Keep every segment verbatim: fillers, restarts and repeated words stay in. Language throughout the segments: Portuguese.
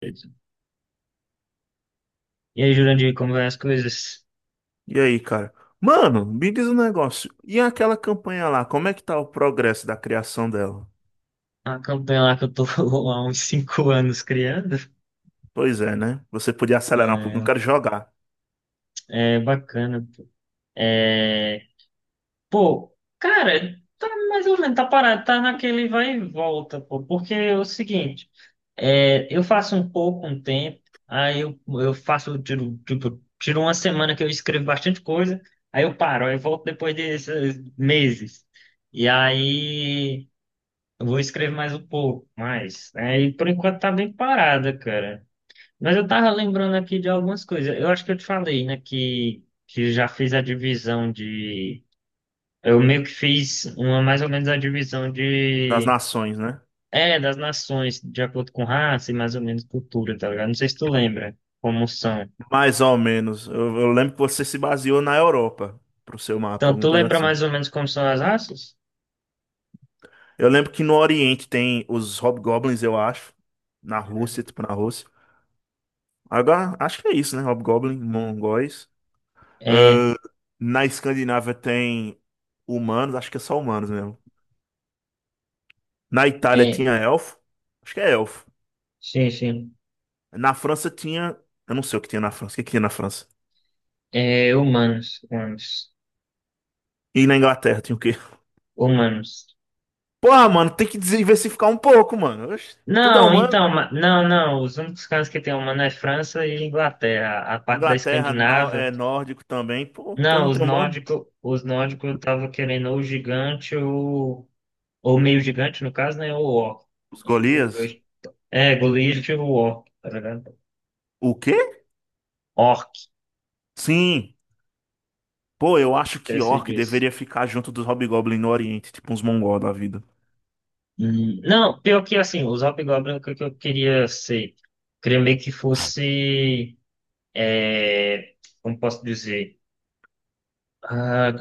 E aí, Jurandir, como vai as coisas? E aí, cara? Mano, me diz um negócio. E aquela campanha lá, como é que tá o progresso da criação dela? A campanha lá que eu tô há uns cinco anos criando Pois é, né? Você podia acelerar um pouco, não é, quero jogar. é bacana. Pô. É, pô, cara, tá mais ou menos, tá parado, tá naquele vai e volta, pô. Porque é o seguinte, é, eu faço um pouco um tempo, aí eu, eu faço, tiro, tipo, tiro uma semana que eu escrevo bastante coisa, aí eu paro, aí eu volto depois desses meses. E aí, eu vou escrever mais um pouco, mais. Aí por enquanto tá bem parada, cara. Mas eu tava lembrando aqui de algumas coisas. Eu acho que eu te falei, né, que, que já fiz a divisão de. Eu meio que fiz uma mais ou menos a divisão Das de. nações, né? É, das nações, de acordo com raça e mais ou menos cultura, tá ligado? Não sei se tu lembra como são. Mais ou menos. Eu, eu lembro que você se baseou na Europa pro seu mapa, Então, alguma tu coisa lembra assim. mais ou menos como são as raças? Eu lembro que no Oriente tem os Hobgoblins, eu acho. Na Rússia, tipo na Rússia. Agora, acho que é isso, né? Hobgoblin, mongóis. É, Ah, na Escandinávia tem humanos, acho que é só humanos mesmo. Na Itália é, tinha elfo. Acho que é elfo. sim, sim. Na França tinha. Eu não sei o que tinha na França. O que que tinha na França? É, humanos, humanos, E na Inglaterra tinha o quê? humanos. Porra, mano, tem que diversificar um pouco, mano. Oxe, tudo é Não, humano. então, ma- não, não. Os únicos cantos que tem humano é França e Inglaterra. A parte da Inglaterra nó- Escandinávia. é nórdico também. Pô, todo Não, mundo os tem humano. nórdicos, os nórdicos eu tava querendo ou gigante ou, ou meio gigante, no caso, né? Ou orc. Os Entre os Golias. dois. É, Goliath e o orc, tá ligado? O quê? Orc, Sim. Pô, eu acho que esses Orc dois. deveria ficar junto dos Hobgoblin no Oriente, tipo uns mongol da vida. Hum, não, pior que assim, os hobgoblins é o que que eu queria ser. Queria meio que fosse. É, como posso dizer? Ah,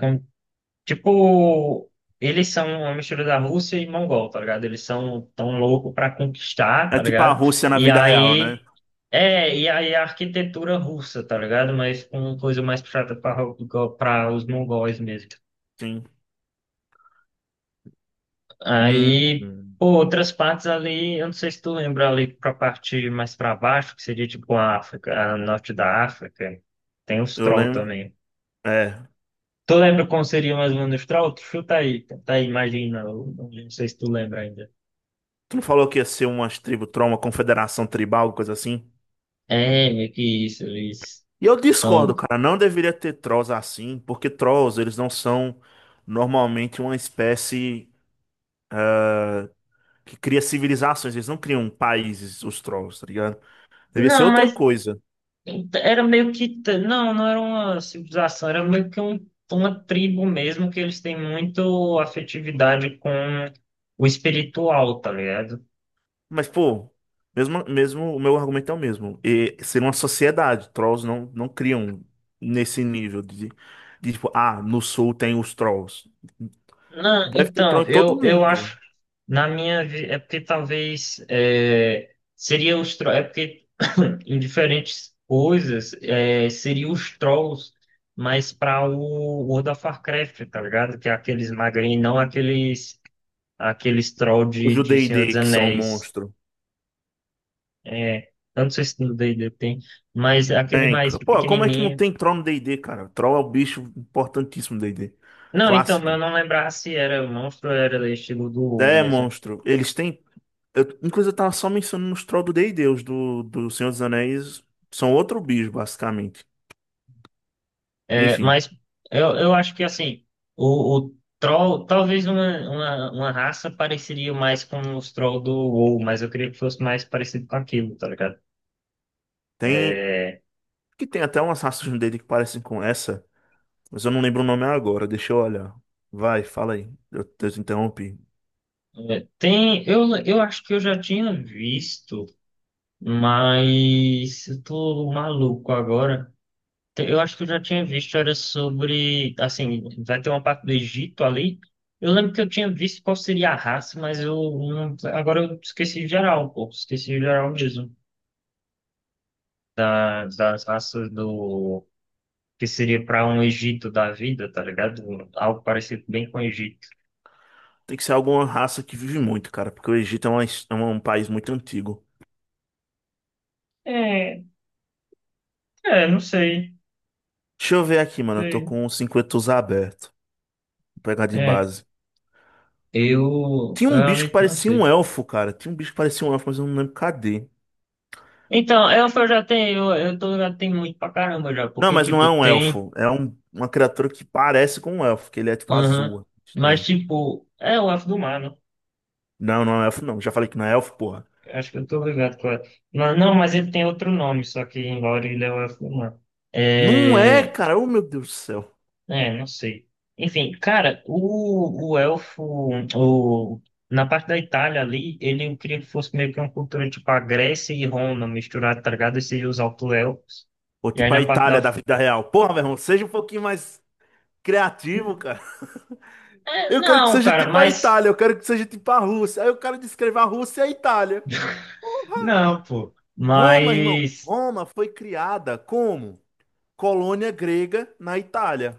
Tipo, eles são uma mistura da Rússia e Mongol, tá ligado? Eles são tão loucos pra conquistar, É tá tipo a ligado? Rússia na E vida real, né? aí. É, e aí a arquitetura russa, tá ligado? Mas com uma coisa mais puxada para os mongóis mesmo. Sim. Hum, Aí, hum. pô, outras partes ali, eu não sei se tu lembra ali pra parte mais pra baixo, que seria tipo a África, a norte da África, tem os Eu troll lembro. também. É. Tu lembra como seria mais ou menos os troll? Chuta aí, tá aí, imagina, eu não sei se tu lembra ainda. Tu não falou que ia ser umas tribo troll, uma confederação tribal, coisa assim? É, meio que isso, eles E eu são. discordo, cara. Não deveria ter trolls assim, porque trolls, eles não são normalmente uma espécie que cria civilizações. Eles não criam países, os trolls, tá ligado? Devia ser Não, outra mas coisa. era meio que. t- Não, não era uma civilização, era meio que um- uma tribo mesmo, que eles têm muito afetividade com o espiritual, tá ligado? Mas, pô, mesmo, mesmo o meu argumento é o mesmo. E ser uma sociedade. Trolls não, não criam nesse nível de, de tipo, ah, no sul tem os trolls. Não, Deve ter troll então, em todo eu, eu mundo. acho, na minha, vi- é porque talvez é, seria os trolls, é porque em diferentes coisas é, seria os trolls, mas para o World of Warcraft, tá ligado? Que é aqueles magrinhos, não aqueles aqueles trolls Os de, do de Senhor D e D, dos que são Anéis. monstros. É, eu não sei se no D e D tem, mas é aquele Tem, mais cara. Pô, como é que não pequenininho. tem troll no D e D, cara? Troll é o bicho importantíssimo do D e D. Não, então, mas eu Clássico. não lembrava se era monstro ou era estilo do WoW É, mesmo. monstro. Eles têm... Eu, inclusive, eu tava só mencionando os trolls do D e D. Os do, do Senhor dos Anéis são outro bicho, basicamente. É, Enfim, mas eu, eu acho que assim, o, o troll, talvez uma, uma, uma raça pareceria mais com os trolls do WoW, mas eu queria que fosse mais parecido com aquilo, tá ligado? tem... É, Que tem até umas raças no D e D que parecem com essa, mas eu não lembro o nome agora. Deixa eu olhar. Vai, fala aí. Eu, eu te interrompi. é, tem, eu, eu acho que eu já tinha visto, mas eu tô maluco agora. Te- Eu acho que eu já tinha visto, era sobre, assim, vai ter uma parte do Egito ali. Eu lembro que eu tinha visto qual seria a raça, mas eu não- agora eu esqueci geral, pô, esqueci geral mesmo. das, das raças do que seria para um Egito da vida, tá ligado? Algo parecido bem com o Egito. Tem que ser alguma raça que vive muito, cara, porque o Egito é, uma- his- é um país muito antigo. É, é, não sei, Deixa eu ver aqui, mano. não Eu tô sei. com o cinquenta aberto. Vou pegar de É, base. eu eu Tinha um bicho que realmente não parecia um sei. elfo, cara. Tinha um bicho que parecia um elfo, mas eu não lembro cadê. Então, eu eu já tenho, eu, eu tô, já tenho muito pra caramba já, Não, porque, mas não tipo, é um tem, elfo. É um- uma criatura que parece com um elfo, que ele é tipo aham, azul. mas, Estranho. tipo, é o elfo do mar, né? Não, não é um elfo, não. Já falei que não é elfo, porra. Acho que eu tô ligado com ela. Não, não, mas ele tem outro nome, só que em Lore ele é o elfo do mar. Não é, É, cara. Oh, meu Deus do céu. É, não sei. Enfim, cara, o, o elfo, o, na parte da Itália ali, ele eu queria que fosse meio que uma cultura tipo a Grécia e Roma misturada, tá ligado? E seria os auto-elfos. Ou E aí tipo a na parte da. Itália da vida real. Porra, meu irmão, seja um pouquinho mais criativo, Hum, cara. É, Eu quero que não, seja cara, tipo a mas. Itália, eu quero que seja tipo a Rússia. Aí eu quero descrever a Rússia e a Itália. Porra! Não, pô. Roma, irmão. Mas. Roma foi criada como colônia grega na Itália.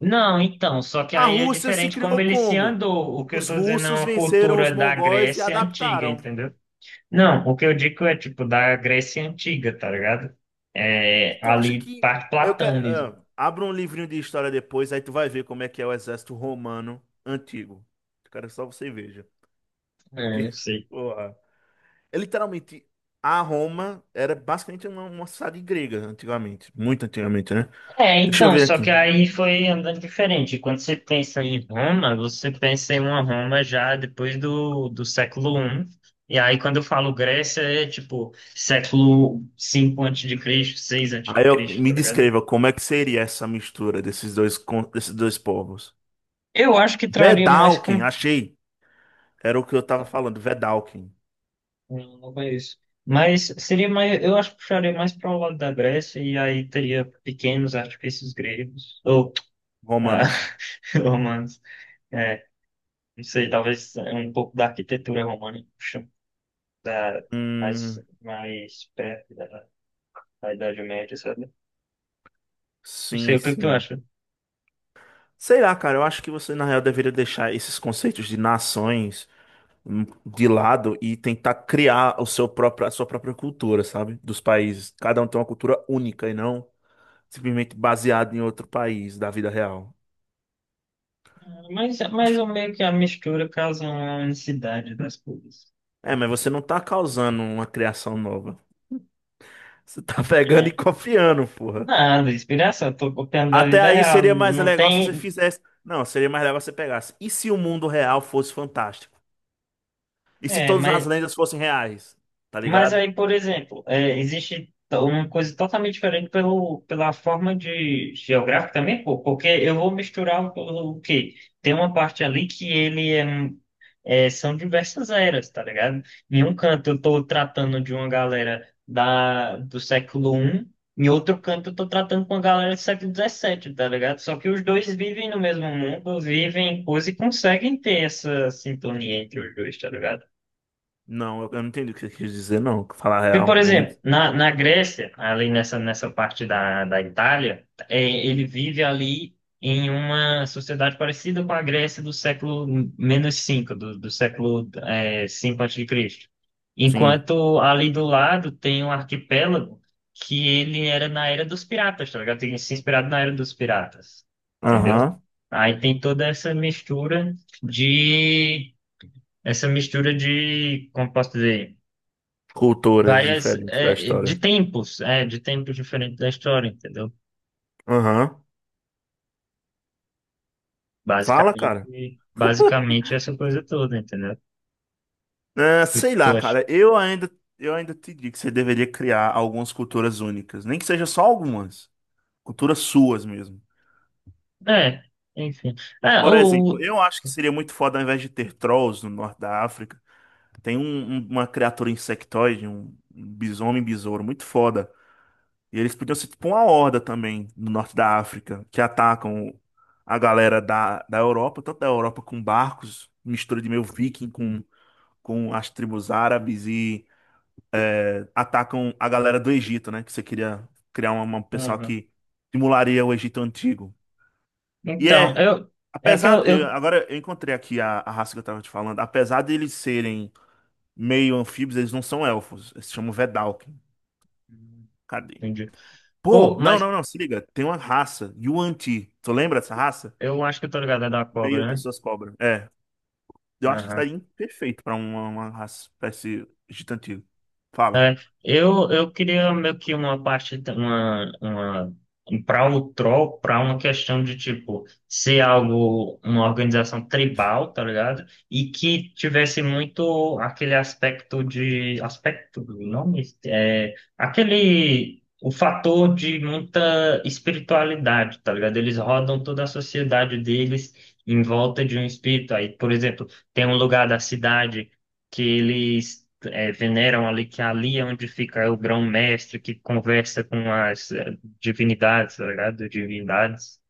Não, então, só que A aí é Rússia se diferente como criou ele se como? andou. O que eu Os tô dizendo é russos uma venceram os cultura da mongóis e Grécia antiga, adaptaram. entendeu? Não, o que eu digo é tipo da Grécia Antiga, tá ligado? É, Então acho ali que parte eu quero, Platão mesmo. ah, abra um livrinho de história depois, aí tu vai ver como é que é o exército romano antigo. Cara, só você veja, É, porque eu sei. porra, é literalmente a Roma era basicamente uma, uma cidade grega antigamente, muito antigamente, né? É, Deixa eu então, ver só aqui. que aí foi andando diferente. Quando você pensa em Roma, você pensa em uma Roma já depois do, do século I. E aí, quando eu falo Grécia, é tipo século cinco antes de Cristo, seis antes de Aí eu, Cristo, tá me ligado? descreva como é que seria essa mistura desses dois con- desses dois povos. Eu acho que traria mais Vedalken, com. achei. Era o que eu tava falando, Vedalken, Não, não conheço. Mas seria mais, eu acho que puxaria mais para o lado da Grécia e aí teria pequenos artifícios gregos ou ah, Romanos. romanos. É, não sei, talvez um pouco da arquitetura romana, puxa, da, mais, Hum, mais perto da, da Idade Média, sabe? Não sei sim, o que tu sim. acha. Sei lá, cara, eu acho que você, na real, deveria deixar esses conceitos de nações hum, de lado e tentar criar o seu próprio, a sua própria cultura, sabe? Dos países. Cada um tem uma cultura única e não simplesmente baseado em outro país da vida real. Mas, mais ou meio que a mistura causa uma unicidade das coisas. É, mas você não tá causando uma criação nova. Você tá pegando e É. copiando, porra. Nada, inspiração, tô copiando da Até vida aí real. seria mais Não legal se você tem. fizesse. Não, seria mais legal se você pegasse. E se o mundo real fosse fantástico? E se É, todas as mas lendas fossem reais? Tá Mas ligado? aí, por exemplo, é, existe to- uma coisa totalmente diferente pelo, pela forma de geográfica também, pô, porque eu vou misturar o, o quê? Tem uma parte ali que ele é, um- é, são diversas eras, tá ligado? Em um canto eu tô tratando de uma galera da, do século I, em outro canto eu tô tratando com uma galera do século dezessete tá ligado? Só que os dois vivem no mesmo mundo, vivem em coisa e conseguem ter essa sintonia entre os dois, tá ligado? Não, eu, eu não entendi o que você quis dizer, não. Falar Porque, por real. ou men- exemplo, na, na Grécia, ali nessa, nessa parte da, da Itália, é, ele vive ali em uma sociedade parecida com a Grécia do século menos cinco do, do século é, cinco antes de Cristo. Sim. Enquanto ali do lado tem um arquipélago que ele era na era dos piratas, tá ligado? Tem se inspirado na era dos piratas, entendeu? Aham. Aí tem toda essa mistura de. Essa mistura de, como posso dizer, Culturas várias diferentes da é, de história. tempos, é, de tempos diferentes da história, entendeu? Aham. Fala, cara. Basicamente, basicamente essa coisa toda, entendeu? O É, que que sei tu lá, acha? cara. Eu ainda, eu ainda te digo que você deveria criar algumas culturas únicas. Nem que seja só algumas. Culturas suas mesmo. É, enfim. Ah, Por o exemplo, o- eu acho que seria muito foda ao invés de ter trolls no norte da África. Tem um- um- uma criatura insectoide, um, um bisomem besouro muito foda. E eles podiam ser tipo uma horda também no norte da África, que atacam a galera da, da Europa, tanto da Europa com barcos, mistura de meio viking com, com as tribos árabes e atacam a galera do Egito, né? Que você queria criar uma, uma pessoal Aham. que simularia o Egito antigo. E Então, é, eu é que eu, apesar, eu- eu agora eu encontrei aqui a, a raça que eu tava te falando, apesar de eles serem meio anfíbios, eles não são elfos. Eles se chamam Vedalken. Cadê? entendi. Pô, Pô, não, mas não, não, se liga. Tem uma raça, Yuan-Ti. Tu lembra dessa raça? eu acho que eu tô ligado é da Meio cobra, né? pessoas cobra. É. Eu acho que Aham. estaria perfeito pra uma, uma raça, espécie gigantil. Fala. É, eu, eu queria meio que uma parte, t- uma, uma, para o troll, para uma questão de tipo, ser algo, uma organização tribal, tá ligado? E que tivesse muito aquele aspecto de, aspecto do nome, é, aquele, o fator de muita espiritualidade, tá ligado? Eles rodam toda a sociedade deles em volta de um espírito. Aí, por exemplo, tem um lugar da cidade que eles eh, veneram ali, que ali é onde fica o grão-mestre que conversa com as eh, divinidades, tá ligado? Divindades.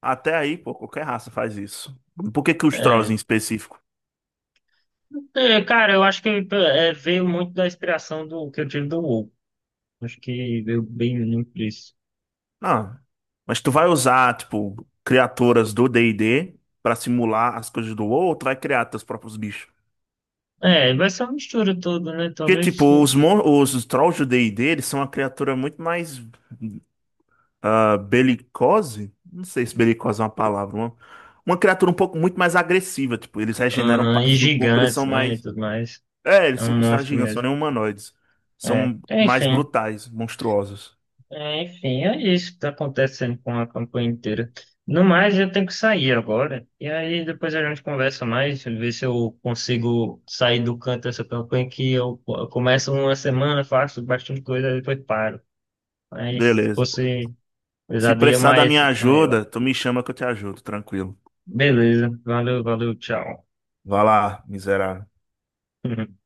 Até aí, pô, qualquer raça faz isso. Por que que os Trolls É. em específico? É, cara, eu acho que eh, veio muito da inspiração do que eu tive do WoW. Acho que veio bem muito disso. Não. Mas tu vai usar, tipo, criaturas do D e D pra simular as coisas do WoW, ou tu vai criar teus próprios bichos? É, vai ser uma mistura toda, né? Porque, tipo, Talvez. os, mon- os, os trolls do D e D, eles são uma criatura muito mais ah, belicose? Não sei se belicose é uma palavra. Uma, uma criatura um pouco muito mais agressiva. Tipo, eles regeneram Aham, e partes do corpo, eles gigantes, são né? E mais. tudo mais. É, eles É são um considerados monstro gigantes, são mesmo. nem humanoides. É. São mais Enfim. brutais, monstruosos. É, enfim, é isso que tá acontecendo com a campanha inteira. No mais, eu tenho que sair agora. E aí depois a gente conversa mais, ver se eu consigo sair do canto dessa campanha que eu eu começo uma semana, faço bastante coisa, depois paro. Mas se Beleza. fosse Se ousadia precisar da mais minha maior. ajuda, tu me chama que eu te ajudo, tranquilo. Beleza, valeu, valeu, tchau. Vai lá, miserável.